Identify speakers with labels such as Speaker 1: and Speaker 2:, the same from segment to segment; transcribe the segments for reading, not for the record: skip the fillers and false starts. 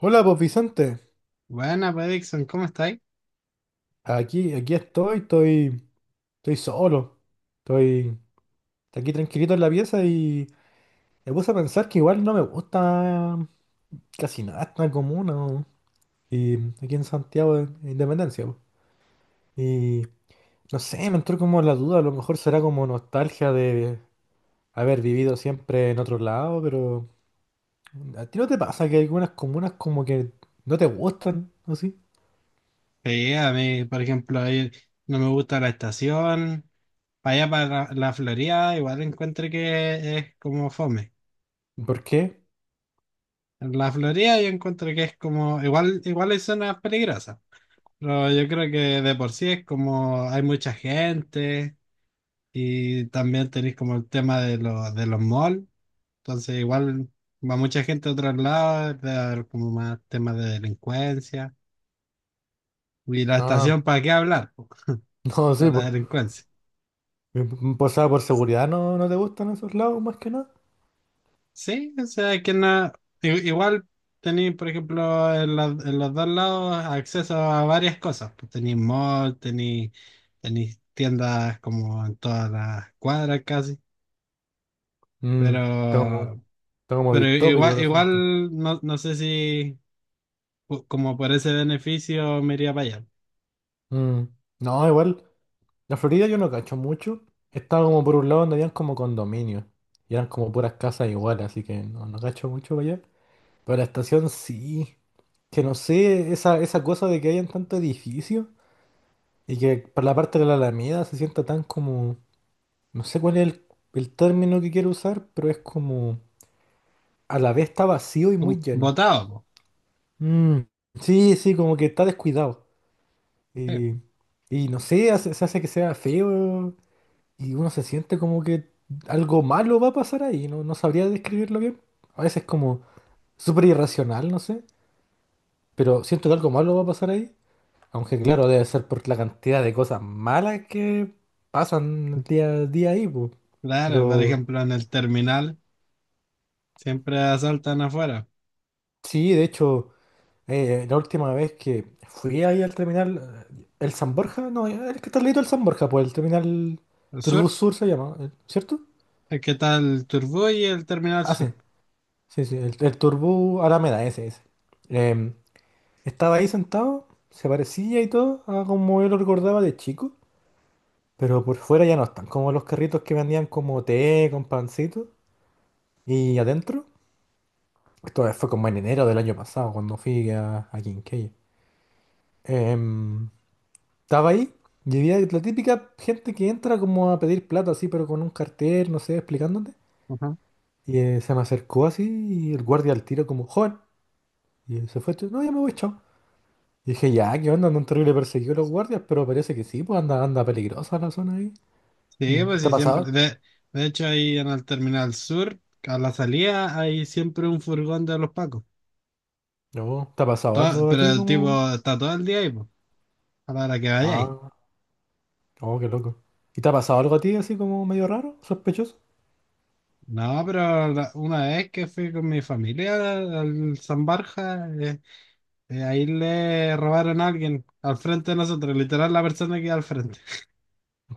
Speaker 1: Hola, pues Vicente.
Speaker 2: Buena, pues, Dixon, ¿cómo estáis?
Speaker 1: Aquí estoy solo. Estoy estoy aquí tranquilito en la pieza y me puse a pensar que igual no me gusta casi nada esta comuna, ¿no? Y aquí en Santiago de Independencia, po. Y no sé, me entró como la duda, a lo mejor será como nostalgia de haber vivido siempre en otro lado, pero ¿a ti no te pasa que hay algunas comunas como que no te gustan, así?
Speaker 2: Sí, a mí, por ejemplo, ahí no me gusta la estación. Para allá, para la Florida, igual encuentro que es como fome.
Speaker 1: ¿Por qué?
Speaker 2: En la Florida yo encuentro que es como, igual, hay zonas peligrosas, pero yo creo que de por sí es como hay mucha gente y también tenéis como el tema de, los malls, entonces igual va mucha gente a otros lados, debe haber como más temas de delincuencia. Y la estación,
Speaker 1: Ah,
Speaker 2: ¿para qué hablar? Po,
Speaker 1: no
Speaker 2: de
Speaker 1: sé.
Speaker 2: la delincuencia.
Speaker 1: Pues, o sea, por seguridad no te gustan esos lados más que nada.
Speaker 2: Sí, o sea, igual tenéis, por ejemplo, en los dos lados acceso a varias cosas. Pues tenéis mall, tenéis tiendas como en todas las cuadras casi,
Speaker 1: Mm, está como,
Speaker 2: pero,
Speaker 1: Está como
Speaker 2: pero
Speaker 1: distópico
Speaker 2: igual,
Speaker 1: el asunto.
Speaker 2: no, no sé si como por ese beneficio me iría para allá.
Speaker 1: Mm, No, igual, la Florida yo no cacho mucho. Estaba como por un lado donde habían como condominios. Y eran como puras casas iguales, así que no cacho mucho para allá. Pero la estación sí. Que no sé, esa cosa de que hayan tanto edificio y que para la parte de la Alameda se sienta tan como... No sé cuál es el término que quiero usar, pero es como... A la vez está vacío y
Speaker 2: Como-
Speaker 1: muy lleno.
Speaker 2: botado, po.
Speaker 1: Mm, sí, sí, como que está descuidado.
Speaker 2: Sí.
Speaker 1: Eh, y no sé, se hace que sea feo y uno se siente como que algo malo va a pasar ahí. No sabría describirlo bien. A veces como súper irracional, no sé. Pero siento que algo malo va a pasar ahí. Aunque claro, debe ser por la cantidad de cosas malas que pasan día a día ahí, po.
Speaker 2: Claro, por
Speaker 1: Pero
Speaker 2: ejemplo, en el terminal siempre asaltan afuera.
Speaker 1: sí, de hecho... La última vez que fui ahí al terminal, el San Borja, no, el que está al ladito del San Borja, pues el terminal
Speaker 2: El sur,
Speaker 1: Turbus Sur se llama, ¿cierto?
Speaker 2: el que está el Turbú y el terminal
Speaker 1: Ah,
Speaker 2: sur.
Speaker 1: sí, sí, sí, el Turbus Alameda, ese. Em, Estaba ahí sentado, se parecía y todo a como yo lo recordaba de chico, pero por fuera ya no están, como los carritos que vendían como té con pancito, y adentro, esto fue como en enero del año pasado, cuando fui a Quinquegui. Em, Estaba ahí y había la típica gente que entra como a pedir plata así, pero con un cartel, no sé, explicándote. Y se me acercó así y el guardia al tiro como, joven. Y se fue, no, ya me voy, chao. Y dije, ya, ¿qué onda? Andan terrible perseguidos los guardias, pero parece que sí, pues anda peligrosa la zona ahí.
Speaker 2: Sí, pues
Speaker 1: ¿Te ha
Speaker 2: sí, siempre.
Speaker 1: pasado?
Speaker 2: De hecho, ahí en el Terminal Sur, a la salida, hay siempre un furgón de los Pacos.
Speaker 1: No, ¿te ha pasado algo a
Speaker 2: Pero
Speaker 1: ti
Speaker 2: el tipo
Speaker 1: como...?
Speaker 2: está todo el día ahí, pues, a la hora que vayáis.
Speaker 1: Ah, oh, qué loco. ¿Y te ha pasado algo a ti así como medio raro, sospechoso?
Speaker 2: No, pero una vez que fui con mi familia al San Borja, ahí le robaron a alguien al frente de nosotros, literal la persona que iba al frente.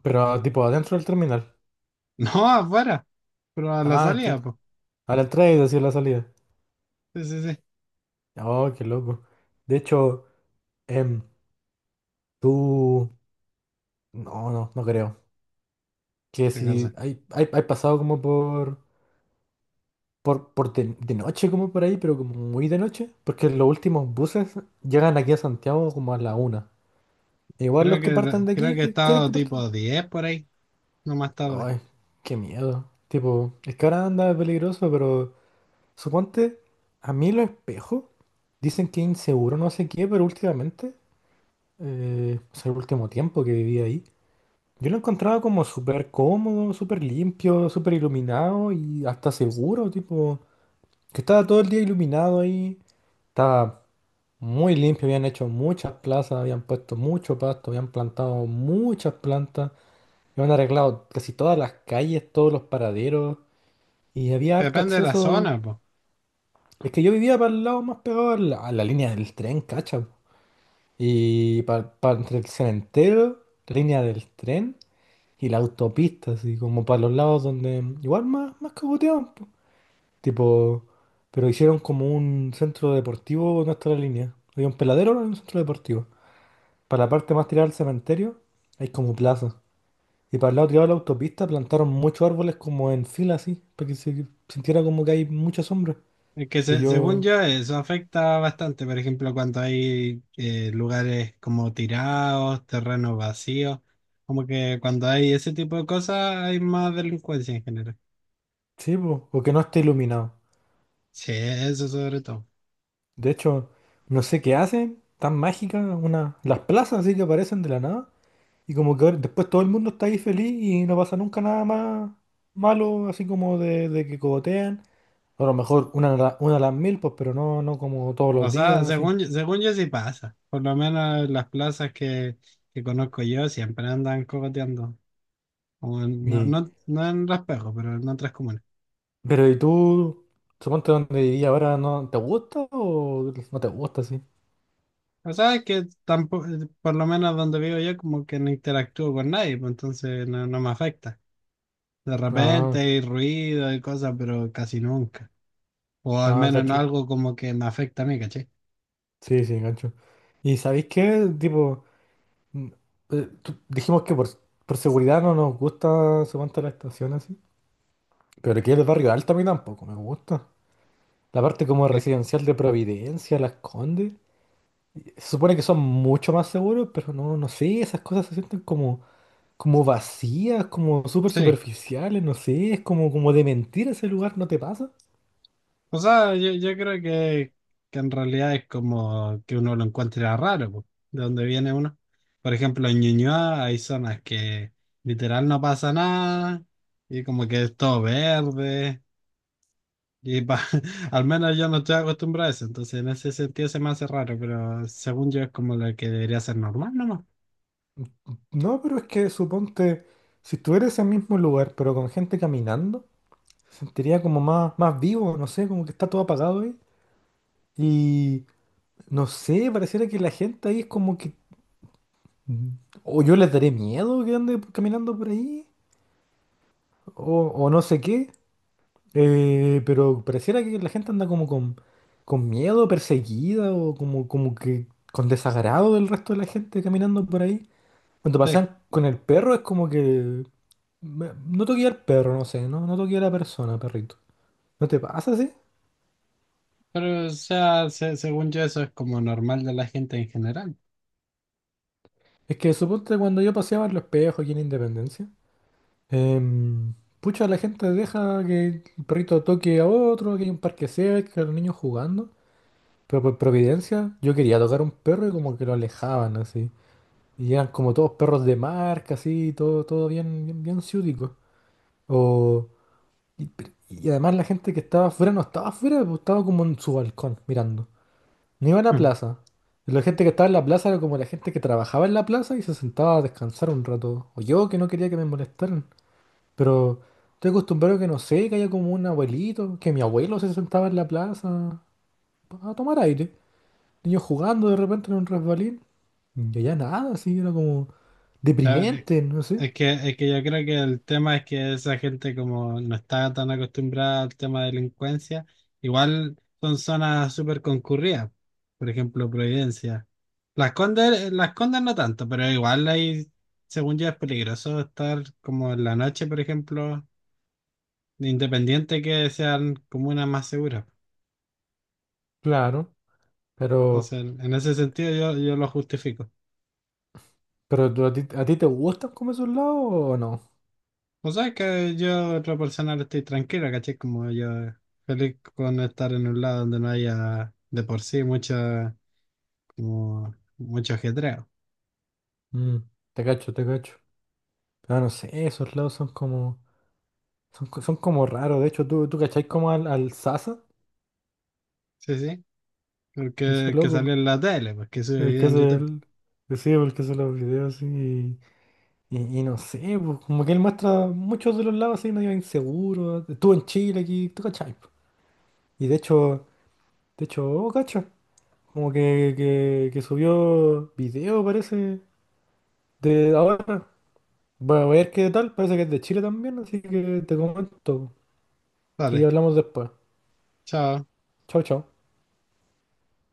Speaker 1: Pero tipo adentro del terminal.
Speaker 2: No, afuera, pero a la
Speaker 1: Ah,
Speaker 2: salida,
Speaker 1: chuta.
Speaker 2: pues.
Speaker 1: A la entrada y así a la salida.
Speaker 2: Sí, sí, sí.
Speaker 1: Oh, qué loco. De hecho... Em, tú, no, no, No creo. Que
Speaker 2: Qué
Speaker 1: si
Speaker 2: cosa.
Speaker 1: hay pasado como por de noche, como por ahí, pero como muy de noche, porque los últimos buses llegan aquí a Santiago como a la una. E igual los que partan de
Speaker 2: Creo
Speaker 1: aquí,
Speaker 2: que he
Speaker 1: ¿qué creo
Speaker 2: estado
Speaker 1: que partan?
Speaker 2: tipo 10 por ahí, no más tarde.
Speaker 1: Ay, qué miedo. Tipo, es que ahora anda peligroso, pero suponte, a mí los espejos dicen que es inseguro, no sé qué, pero últimamente, o sea, el último tiempo que viví ahí. Yo lo encontraba como súper cómodo, súper limpio, súper iluminado y hasta seguro, tipo, que estaba todo el día iluminado ahí, estaba muy limpio, habían hecho muchas plazas, habían puesto mucho pasto, habían plantado muchas plantas, habían arreglado casi todas las calles, todos los paraderos y había harto
Speaker 2: Depende de la
Speaker 1: acceso.
Speaker 2: zona, pues.
Speaker 1: Es que yo vivía para el lado más pegado a a la línea del tren, cacha, po. Y para entre el cementerio, la línea del tren. Y la autopista, así como para los lados donde igual más cagoteaban, po. Tipo, pero hicieron como un centro deportivo en nuestra línea. Había un peladero en un centro deportivo. Para la parte más tirada al cementerio, hay como plaza. Y para el lado tirado de la autopista plantaron muchos árboles como en fila así, para que se sintiera como que hay mucha sombra.
Speaker 2: Es que
Speaker 1: Y
Speaker 2: según
Speaker 1: yo,
Speaker 2: yo eso afecta bastante, por ejemplo, cuando hay lugares como tirados, terrenos vacíos, como que cuando hay ese tipo de cosas hay más delincuencia en general.
Speaker 1: sí, po, o que no esté iluminado.
Speaker 2: Sí, eso sobre todo.
Speaker 1: De hecho, no sé qué hacen, tan mágicas una, las plazas así que aparecen de la nada. Y como que después todo el mundo está ahí feliz y no pasa nunca nada más malo, así como de que cogotean, a lo mejor una, una a las mil, pues, pero no, no como todos
Speaker 2: O
Speaker 1: los
Speaker 2: sea,
Speaker 1: días, así.
Speaker 2: según, según yo sí pasa, por lo menos en las plazas que conozco yo siempre andan cogoteando, o no,
Speaker 1: Y,
Speaker 2: no, no en Raspejo, pero en otras comunas.
Speaker 1: pero ¿y tú, suponte donde viví ahora, no te gusta o no te gusta, sí?
Speaker 2: O sea, es que tampoco, por lo menos donde vivo yo como que no interactúo con nadie, pues entonces no me afecta. De repente
Speaker 1: Ah,
Speaker 2: hay ruido y cosas, pero casi nunca. O al
Speaker 1: ah,
Speaker 2: menos en
Speaker 1: cacho.
Speaker 2: algo como que me afecta a mí, ¿caché?
Speaker 1: Sí, sí, cacho. ¿Y sabéis qué? Tipo, mm, dijimos que por seguridad no nos gusta, suponte la estación así. Pero aquí el barrio alto a mí tampoco me gusta. La parte como
Speaker 2: ¿Qué?
Speaker 1: residencial de Providencia, Las Condes. Se supone que son mucho más seguros, pero no sé, esas cosas se sienten como, como vacías, como súper
Speaker 2: Sí.
Speaker 1: superficiales, no sé, es como, como de mentir ese lugar, ¿no te pasa?
Speaker 2: O sea, yo creo que en realidad es como que uno lo encuentra raro, po, de dónde viene uno. Por ejemplo, en Ñuñoa hay zonas que literal no pasa nada y como que es todo verde. Y al menos yo no estoy acostumbrado a eso, entonces en ese sentido se me hace raro, pero según yo es como lo que debería ser normal nomás.
Speaker 1: No, pero es que suponte, si estuviera en ese mismo lugar, pero con gente caminando, se sentiría como más vivo, no sé, como que está todo apagado ahí. Y no sé, pareciera que la gente ahí es como que... mm, o yo les daré miedo que ande caminando por ahí, o no sé qué. Pero pareciera que la gente anda como con miedo, perseguida o como, como que con desagrado del resto de la gente caminando por ahí. Cuando
Speaker 2: Sí.
Speaker 1: pasan con el perro es como que... No toqué al perro, no sé, no toqué a la persona, perrito. ¿No te pasa así?
Speaker 2: Pero, o sea, según yo, eso es como normal de la gente en general.
Speaker 1: Es que suponte cuando yo paseaba en los espejos aquí en Independencia, em, pucha, la gente deja que el perrito toque a otro, que hay un parque cerca, los niños jugando. Pero por providencia, yo quería tocar a un perro y como que lo alejaban así. Y eran como todos perros de marca, así, todo, todo bien, bien ciútico. O, y además la gente que estaba afuera no estaba afuera, pues, estaba como en su balcón mirando. No iba a la plaza. Y la gente que estaba en la plaza era como la gente que trabajaba en la plaza y se sentaba a descansar un rato. O yo que no quería que me molestaran. Pero estoy acostumbrado a que no sé, que haya como un abuelito, que mi abuelo se sentaba en la plaza a tomar aire. Niños jugando de repente en un resbalín. Y allá nada, así, era como
Speaker 2: La ver-
Speaker 1: deprimente, no sé.
Speaker 2: Es que yo creo que el tema es que esa gente como no está tan acostumbrada al tema de delincuencia, igual son zonas súper concurridas, por ejemplo, Providencia. Las Condes, Las Condes no tanto, pero igual ahí, según yo, es peligroso estar como en la noche, por ejemplo, independiente que sean comunas más seguras.
Speaker 1: Claro, pero,
Speaker 2: Entonces, en ese sentido yo, yo lo justifico.
Speaker 1: ¿a ti, a ti te gustan como esos lados o no?
Speaker 2: O sea, es que yo, otra persona, ahora estoy tranquila, ¿cachai? Como yo, feliz con estar en un lado donde no haya de por sí mucho, como, mucho ajetreo.
Speaker 1: Mm, te cacho, te cacho. Pero no sé, esos lados son como, son como raros. De hecho, tú cachai como al Sasa,
Speaker 2: Sí, sí.
Speaker 1: ese
Speaker 2: Porque que salió
Speaker 1: loco,
Speaker 2: en la tele, pues que sube
Speaker 1: el que
Speaker 2: video en
Speaker 1: hace
Speaker 2: YouTube.
Speaker 1: sí, el que hace los videos así. Y, y no sé, pues, como que él muestra muchos de los lados así medio inseguros. Estuvo en Chile aquí, tú cachai, po. Y de hecho, oh, cacho, como que subió video, parece, de ahora. Voy a ver qué tal, parece que es de Chile también, así que te comento. Y
Speaker 2: Vale,
Speaker 1: hablamos después.
Speaker 2: chao.
Speaker 1: Chao, chao.